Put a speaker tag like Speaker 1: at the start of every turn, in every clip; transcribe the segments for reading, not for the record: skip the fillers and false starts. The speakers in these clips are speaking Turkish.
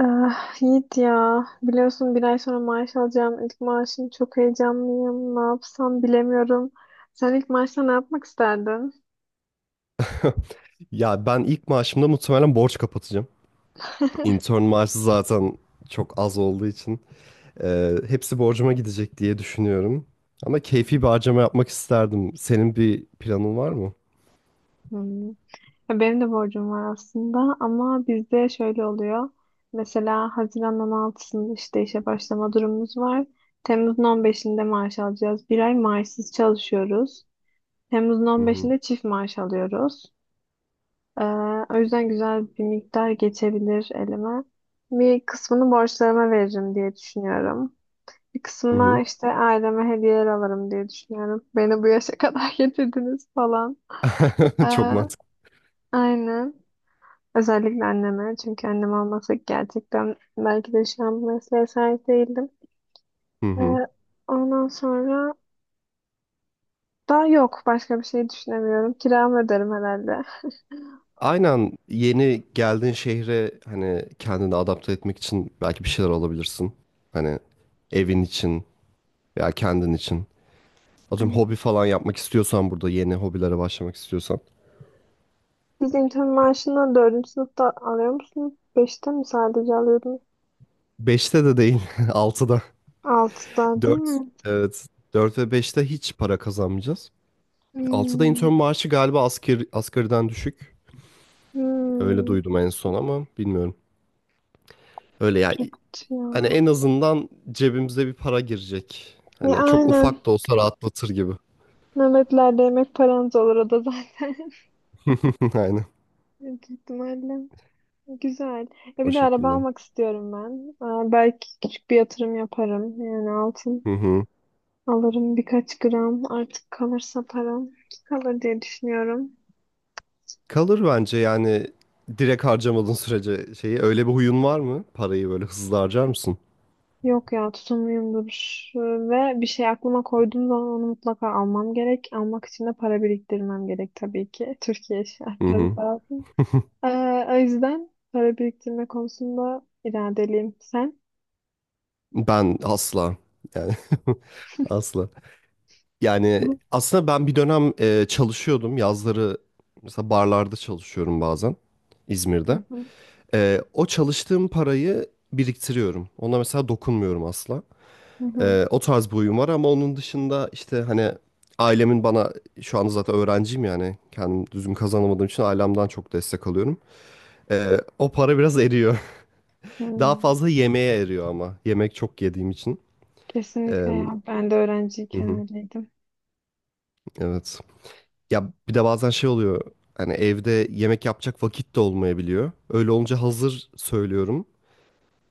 Speaker 1: Ah, Yiğit, ya biliyorsun bir ay sonra maaş alacağım, ilk maaşım, çok heyecanlıyım, ne yapsam bilemiyorum. Sen ilk maaşta ne yapmak isterdin?
Speaker 2: Ya ben ilk maaşımda muhtemelen borç kapatacağım. Intern maaşı zaten çok az olduğu için hepsi borcuma gidecek diye düşünüyorum. Ama keyfi bir harcama yapmak isterdim. Senin bir planın var mı?
Speaker 1: Hmm. Ya benim de borcum var aslında, ama bizde şöyle oluyor: mesela Haziran 16'sında işte işe başlama durumumuz var, Temmuz'un 15'inde maaş alacağız, bir ay maaşsız çalışıyoruz, Temmuz'un
Speaker 2: Hı
Speaker 1: on
Speaker 2: hı.
Speaker 1: beşinde çift maaş alıyoruz. Ee, O yüzden güzel bir miktar geçebilir elime. Bir kısmını borçlarıma veririm diye düşünüyorum. Bir kısmına
Speaker 2: Hı
Speaker 1: işte aileme hediyeler alırım diye düşünüyorum. Beni bu yaşa kadar getirdiniz falan.
Speaker 2: hı. Çok
Speaker 1: Ee,
Speaker 2: mantıklı.
Speaker 1: aynen. Özellikle anneme. Çünkü annem olmasa gerçekten belki de şu an bu mesleğe sahip değildim.
Speaker 2: Hı hı.
Speaker 1: Ee, Ondan sonra daha yok. Başka bir şey düşünemiyorum. Kiramı öderim herhalde.
Speaker 2: Aynen, yeni geldiğin şehre hani kendini adapte etmek için belki bir şeyler alabilirsin. Hani evin için veya kendin için. Atıyorum, hobi falan yapmak istiyorsan, burada yeni hobilere başlamak istiyorsan.
Speaker 1: Siz intern maaşını dördüncü sınıfta alıyor musunuz? Beşte mi sadece alıyordunuz?
Speaker 2: Beşte de değil, altıda.
Speaker 1: Altıda değil
Speaker 2: 4,
Speaker 1: mi?
Speaker 2: evet, 4 ve beşte hiç para kazanmayacağız. Altıda
Speaker 1: Hmm.
Speaker 2: intern maaşı galiba asgariden düşük. Öyle
Speaker 1: Hmm.
Speaker 2: duydum en son ama bilmiyorum. Öyle ya,
Speaker 1: Çok kötü ya.
Speaker 2: hani en azından cebimize bir para girecek.
Speaker 1: Ya
Speaker 2: Hani çok
Speaker 1: aynen.
Speaker 2: ufak da olsa rahatlatır gibi.
Speaker 1: Nöbetlerde yemek paranız olur o da zaten.
Speaker 2: Aynen,
Speaker 1: Büyük ihtimalle. Güzel. Ya
Speaker 2: o
Speaker 1: bir de araba
Speaker 2: şekilde.
Speaker 1: almak istiyorum ben. Aa, belki küçük bir yatırım yaparım. Yani altın
Speaker 2: Hı hı.
Speaker 1: alırım birkaç gram. Artık kalırsa param. Kalır diye düşünüyorum.
Speaker 2: Kalır bence yani, direkt harcamadığın sürece. Şeyi, öyle bir huyun var mı? Parayı böyle hızlı harcar mısın?
Speaker 1: Yok ya, tutumluyumdur. Ve bir şey aklıma koyduğum zaman onu mutlaka almam gerek. Almak için de para biriktirmem gerek tabii ki. Türkiye
Speaker 2: Hı
Speaker 1: şartları
Speaker 2: hı.
Speaker 1: lazım. Ee, O yüzden para biriktirme konusunda iradeliyim. Sen?
Speaker 2: Ben asla, yani asla. Yani
Speaker 1: Bu-
Speaker 2: aslında ben bir dönem çalışıyordum. Yazları mesela barlarda çalışıyorum bazen,
Speaker 1: Hı
Speaker 2: İzmir'de.
Speaker 1: hı,
Speaker 2: O çalıştığım parayı biriktiriyorum. Ona mesela dokunmuyorum asla.
Speaker 1: hı hı,
Speaker 2: O tarz bir huyum var ama onun dışında işte hani, ailemin bana, şu anda zaten öğrenciyim yani kendim düzgün kazanamadığım için ailemden çok destek alıyorum. O para biraz eriyor.
Speaker 1: hı.
Speaker 2: Daha fazla yemeğe eriyor, ama yemek çok yediğim için. E,
Speaker 1: Kesinlikle ya. Ben de
Speaker 2: hı
Speaker 1: öğrenciyken
Speaker 2: hı,
Speaker 1: öyleydim.
Speaker 2: evet. Ya bir de bazen şey oluyor. Hani evde yemek yapacak vakit de olmayabiliyor. Öyle olunca hazır söylüyorum.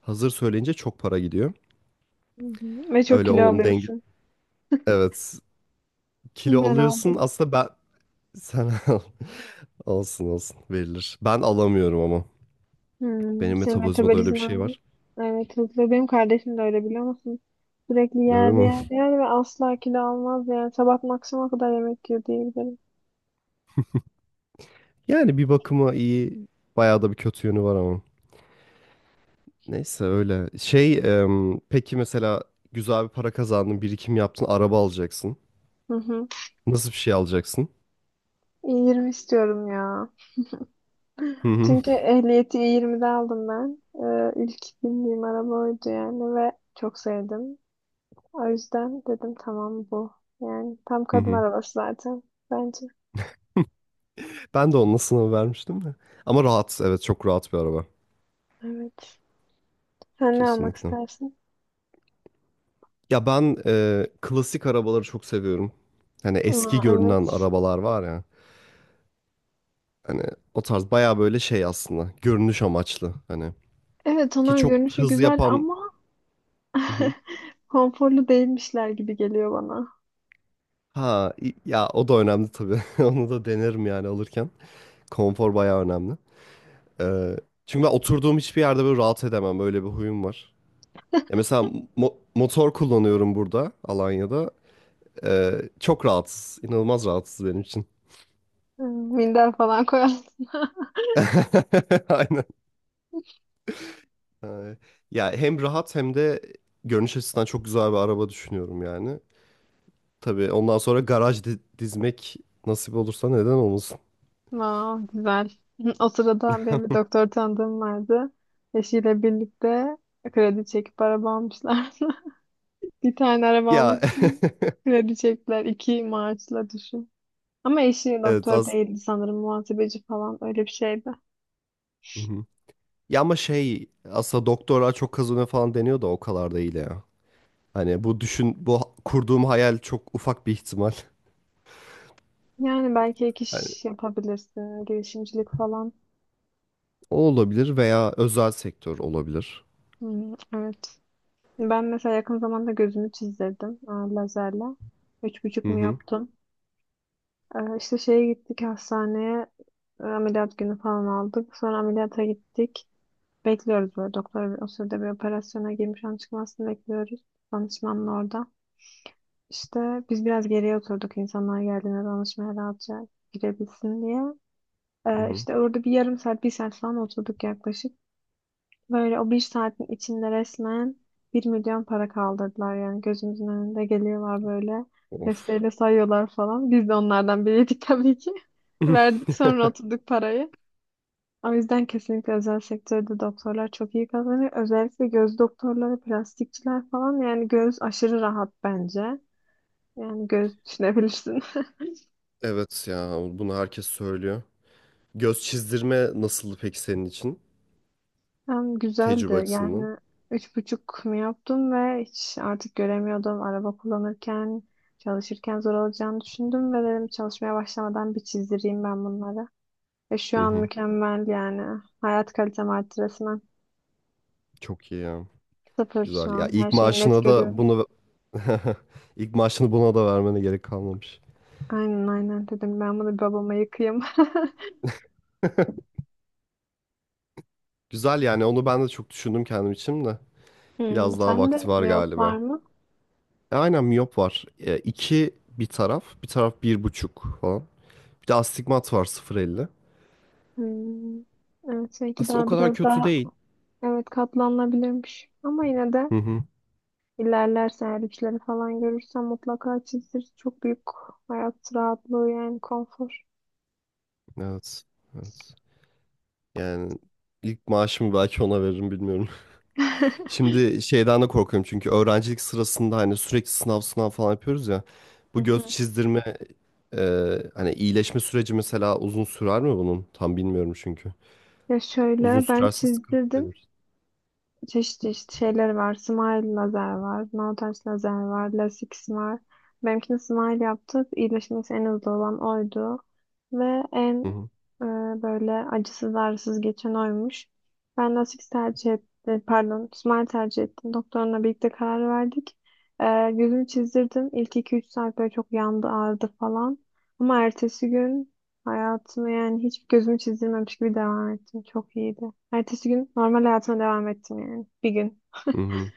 Speaker 2: Hazır söyleyince çok para gidiyor.
Speaker 1: Hı hı. Ve çok
Speaker 2: Öyle,
Speaker 1: kilo
Speaker 2: onun denge...
Speaker 1: alıyorsun.
Speaker 2: Evet. Kilo
Speaker 1: Ben
Speaker 2: alıyorsun.
Speaker 1: aldım.
Speaker 2: Aslında ben... Sen al. Olsun olsun. Verilir. Ben alamıyorum ama.
Speaker 1: Hmm,
Speaker 2: Benim
Speaker 1: senin
Speaker 2: metabolizmada öyle bir şey
Speaker 1: metabolizman
Speaker 2: var.
Speaker 1: evet hızlı. Benim kardeşim de öyle, biliyor musun? Sürekli
Speaker 2: Öyle
Speaker 1: yer
Speaker 2: mi?
Speaker 1: yer yer ve asla kilo almaz yani. Sabah maksimum kadar yemek yiyor diyebilirim.
Speaker 2: Yani bir bakıma iyi. Bayağı da bir kötü yönü var ama. Neyse öyle. Şey peki mesela, güzel bir para kazandın. Birikim yaptın. Araba alacaksın.
Speaker 1: Hı hı.
Speaker 2: Nasıl bir şey alacaksın?
Speaker 1: E20 istiyorum ya.
Speaker 2: Hı hı.
Speaker 1: Çünkü ehliyeti E20'de aldım ben. İlk bindiğim araba oydu yani ve çok sevdim. O yüzden dedim tamam bu. Yani tam
Speaker 2: Hı
Speaker 1: kadın
Speaker 2: hı.
Speaker 1: arabası zaten, bence.
Speaker 2: Ben de onunla sınavı vermiştim de. Ama rahat, evet çok rahat bir araba.
Speaker 1: Evet. Sen ne almak
Speaker 2: Kesinlikle.
Speaker 1: istersin?
Speaker 2: Ya ben klasik arabaları çok seviyorum. Hani eski
Speaker 1: Aa,
Speaker 2: görünen
Speaker 1: evet.
Speaker 2: arabalar var ya. Hani o tarz, baya böyle şey aslında. Görünüş amaçlı. Hani
Speaker 1: Evet,
Speaker 2: ki
Speaker 1: onlar
Speaker 2: çok
Speaker 1: görünüşü
Speaker 2: hız
Speaker 1: güzel
Speaker 2: yapan...
Speaker 1: ama
Speaker 2: Hı hı.
Speaker 1: konforlu değilmişler gibi geliyor bana.
Speaker 2: Ha ya o da önemli tabii. Onu da denerim yani alırken. Konfor baya önemli. E, Çünkü ben oturduğum hiçbir yerde böyle rahat edemem. Böyle bir huyum var. Ya mesela, motor kullanıyorum burada, Alanya'da. Çok rahatsız. İnanılmaz rahatsız benim için.
Speaker 1: Hmm, minder falan koyarsın.
Speaker 2: Aynen. Ee, Ya hem rahat hem de görünüş açısından çok güzel bir araba düşünüyorum yani. Tabii ondan sonra garaj dizmek, nasip olursa neden olmasın.
Speaker 1: Wow, güzel. O sırada benim bir doktor tanıdığım vardı. Eşiyle birlikte kredi çekip araba almışlar. Bir tane araba
Speaker 2: Ya
Speaker 1: almak için kredi çektiler. İki maaşla düşün. Ama eşi
Speaker 2: evet
Speaker 1: doktor
Speaker 2: az...
Speaker 1: değildi sanırım. Muhasebeci falan, öyle bir şeydi.
Speaker 2: Hı hı. Ya ama şey, aslında doktora çok kazanıyor falan deniyor da, o kadar değil ya. Hani bu, düşün, bu kurduğum hayal çok ufak bir ihtimal.
Speaker 1: Yani belki ek
Speaker 2: Hani
Speaker 1: iş yapabilirsin. Girişimcilik falan.
Speaker 2: o olabilir veya özel sektör olabilir.
Speaker 1: Hmm, evet. Ben mesela yakın zamanda gözümü çizdirdim, lazerle. 3,5
Speaker 2: Hı
Speaker 1: mu
Speaker 2: hı.
Speaker 1: yaptım? İşte şeye gittik, hastaneye. Ameliyat günü falan aldık. Sonra ameliyata gittik. Bekliyoruz böyle, doktor o sırada bir operasyona girmiş, an çıkmasını bekliyoruz. Danışmanla orada. İşte biz biraz geriye oturduk insanlar geldiğinde danışmaya rahatça girebilsin diye.
Speaker 2: Hı hı.
Speaker 1: İşte orada bir yarım saat, bir saat falan oturduk yaklaşık. Böyle o bir saatin içinde resmen 1.000.000 para kaldırdılar yani. Gözümüzün önünde geliyorlar böyle,
Speaker 2: Of.
Speaker 1: desteğiyle sayıyorlar falan. Biz de onlardan biriydik tabii ki. Verdik sonra, oturduk parayı. O yüzden kesinlikle özel sektörde doktorlar çok iyi kazanıyor. Özellikle göz doktorları, plastikçiler falan, yani göz aşırı rahat bence. Yani göz düşünebilirsin.
Speaker 2: Evet ya, bunu herkes söylüyor. Göz çizdirme nasıldı peki senin için?
Speaker 1: Hem
Speaker 2: Tecrübe
Speaker 1: güzeldi. Yani
Speaker 2: açısından.
Speaker 1: 3,5 mu yaptım ve hiç artık göremiyordum. Araba kullanırken, çalışırken zor olacağını düşündüm ve dedim çalışmaya başlamadan bir çizdireyim ben bunları. Ve şu
Speaker 2: Hı
Speaker 1: an
Speaker 2: hı.
Speaker 1: mükemmel yani. Hayat kalitem arttı resmen.
Speaker 2: Çok iyi ya.
Speaker 1: Sıfır şu
Speaker 2: Güzel. Ya
Speaker 1: an. Her
Speaker 2: ilk
Speaker 1: şeyi net
Speaker 2: maaşına da
Speaker 1: görüyorum.
Speaker 2: bunu ilk maaşını buna da vermene gerek kalmamış.
Speaker 1: Aynen aynen dedim. Ben bunu babama yıkayayım.
Speaker 2: Güzel, yani onu ben de çok düşündüm kendim için de.
Speaker 1: Hmm,
Speaker 2: Biraz daha
Speaker 1: sen de
Speaker 2: vakti var
Speaker 1: miyop
Speaker 2: galiba.
Speaker 1: var mı?
Speaker 2: Aynen, miyop var. İki bir taraf, bir taraf bir buçuk falan. Bir de astigmat var, 0,50.
Speaker 1: Hmm, evet, belki
Speaker 2: Aslında o
Speaker 1: daha
Speaker 2: kadar
Speaker 1: biraz
Speaker 2: kötü
Speaker 1: daha,
Speaker 2: değil.
Speaker 1: evet, katlanılabilirmiş. Ama yine de
Speaker 2: Hı hı.
Speaker 1: İlerlerse eğer üçleri falan görürsem, mutlaka çizdir. Çok büyük hayat rahatlığı yani, konfor.
Speaker 2: Evet. Evet. Yani ilk maaşımı belki ona veririm, bilmiyorum. Şimdi şeyden de korkuyorum, çünkü öğrencilik sırasında hani sürekli sınav sınav falan yapıyoruz ya.
Speaker 1: Hı
Speaker 2: Bu göz
Speaker 1: hı.
Speaker 2: çizdirme e, hani iyileşme süreci, mesela uzun sürer mi bunun? Tam bilmiyorum çünkü.
Speaker 1: Ya
Speaker 2: Uzun
Speaker 1: şöyle, ben
Speaker 2: sürerse sıkıntı
Speaker 1: çizdirdim.
Speaker 2: benim için.
Speaker 1: Çeşit çeşit şeyleri var. Smile lazer var. No touch lazer var. Lasix var. Benimkini Smile yaptık, İyileşmesi en hızlı olan oydu. Ve
Speaker 2: Hı
Speaker 1: en
Speaker 2: hı.
Speaker 1: e, böyle acısız ağrısız geçen oymuş. Ben Lasix tercih ettim. Pardon, Smile tercih ettim. Doktorla birlikte karar verdik. Gözümü çizdirdim. İlk 2-3 saat böyle çok yandı, ağrıdı falan. Ama ertesi gün hayatımı yani hiç gözümü çizdirmemiş gibi devam ettim. Çok iyiydi. Ertesi gün normal hayatıma devam ettim yani. Bir gün.
Speaker 2: Hı hı.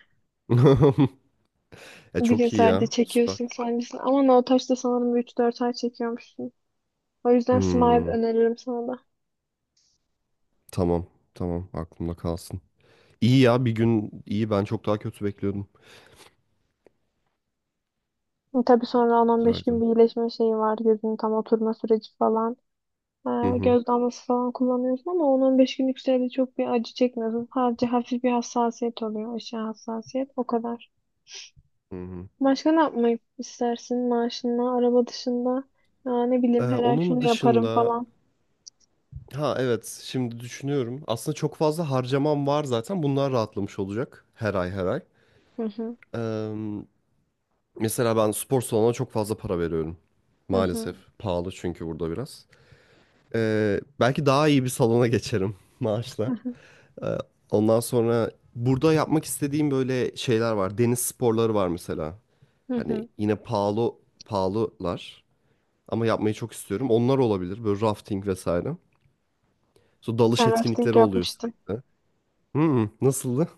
Speaker 1: Bir gün
Speaker 2: Çok iyi
Speaker 1: sadece
Speaker 2: ya.
Speaker 1: çekiyorsun
Speaker 2: Süper.
Speaker 1: sancısını. Ama no touch'ta sanırım 3-4 ay çekiyormuşsun. O yüzden Smile
Speaker 2: Hmm,
Speaker 1: öneririm sana da.
Speaker 2: tamam. Tamam. Aklımda kalsın. İyi ya, bir gün iyi, ben çok daha kötü bekliyordum.
Speaker 1: Tabii sonra on on
Speaker 2: Güzel
Speaker 1: beş gün
Speaker 2: güzel.
Speaker 1: bir iyileşme şeyi var. Gözünün tam oturma süreci falan.
Speaker 2: Hı hı.
Speaker 1: Göz damlası falan kullanıyorsun ama on 15 günlük sürede çok bir acı çekmiyorsun. Sadece hafif bir hassasiyet oluyor. Aşağı hassasiyet. O kadar.
Speaker 2: Hı hı.
Speaker 1: Başka ne yapmayı istersin? Maaşınla, araba dışında. Ya ne bileyim, her ay
Speaker 2: Onun
Speaker 1: şunu yaparım
Speaker 2: dışında...
Speaker 1: falan.
Speaker 2: Ha evet, şimdi düşünüyorum. Aslında çok fazla harcamam var zaten. Bunlar rahatlamış olacak her ay, her ay.
Speaker 1: Hı hı.
Speaker 2: Eee, Mesela ben spor salonuna çok fazla para veriyorum.
Speaker 1: Hı hı.
Speaker 2: Maalesef pahalı çünkü burada biraz. Belki daha iyi bir salona geçerim maaşla. Eee, Ondan sonra, burada yapmak istediğim böyle şeyler var. Deniz sporları var mesela.
Speaker 1: Hı
Speaker 2: Hani
Speaker 1: hı.
Speaker 2: yine pahalılar, ama yapmayı çok istiyorum. Onlar olabilir, böyle rafting vesaire. Sonra dalış
Speaker 1: Ben rafting
Speaker 2: etkinlikleri oluyor
Speaker 1: yapmıştım.
Speaker 2: sürekli. Hmm, nasıldı?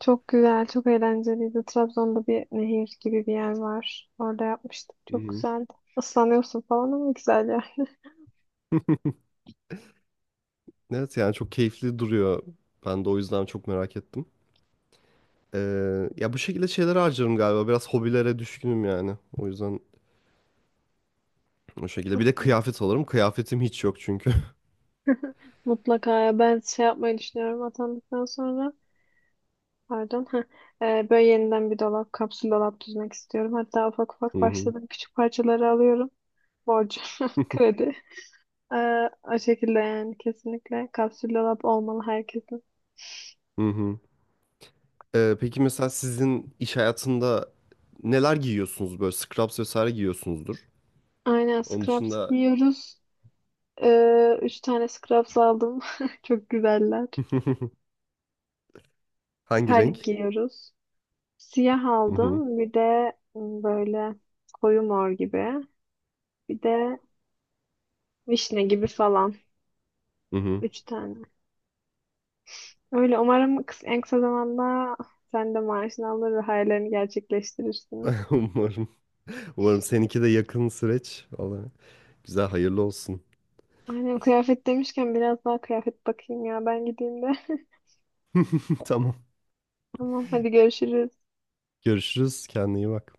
Speaker 1: Çok güzel, çok eğlenceliydi. Trabzon'da bir nehir gibi bir yer var. Orada yapmıştık.
Speaker 2: Hı
Speaker 1: Çok
Speaker 2: hı.
Speaker 1: güzeldi. Islanıyorsun falan, ama güzel ya.
Speaker 2: Evet yani çok keyifli duruyor. Ben de o yüzden çok merak ettim. Ya bu şekilde şeyler harcarım galiba. Biraz hobilere düşkünüm yani. O yüzden o şekilde.
Speaker 1: Çok
Speaker 2: Bir de
Speaker 1: iyi.
Speaker 2: kıyafet alırım. Kıyafetim hiç yok çünkü.
Speaker 1: Mutlaka ya. Ben şey yapmayı düşünüyorum atandıktan sonra. Pardon. Heh. Böyle yeniden bir dolap, kapsül dolap düzmek istiyorum. Hatta ufak ufak
Speaker 2: Hı hı.
Speaker 1: başladım. Küçük parçaları alıyorum. Borcu, kredi. O şekilde yani, kesinlikle kapsül dolap olmalı herkesin.
Speaker 2: Hı hı. Peki mesela, sizin iş hayatında neler giyiyorsunuz, böyle scrubs vesaire giyiyorsunuzdur.
Speaker 1: Aynen,
Speaker 2: Onun
Speaker 1: scraps
Speaker 2: dışında
Speaker 1: giyiyoruz. Üç tane scrubs aldım. Çok güzeller.
Speaker 2: hangi
Speaker 1: Terlik
Speaker 2: renk?
Speaker 1: giyiyoruz. Siyah
Speaker 2: Hı hı.
Speaker 1: aldım. Bir de böyle koyu mor gibi. Bir de vişne gibi falan.
Speaker 2: Hı hı.
Speaker 1: Üç tane. Öyle, umarım en kısa zamanda sen de maaşını alır ve hayallerini gerçekleştirirsin.
Speaker 2: Umarım. Umarım seninki de yakın süreç. Vallahi, güzel, hayırlı olsun.
Speaker 1: Aynen, kıyafet demişken biraz daha kıyafet bakayım ya. Ben gideyim de.
Speaker 2: Tamam.
Speaker 1: Tamam hadi görüşürüz.
Speaker 2: Görüşürüz. Kendine iyi bak.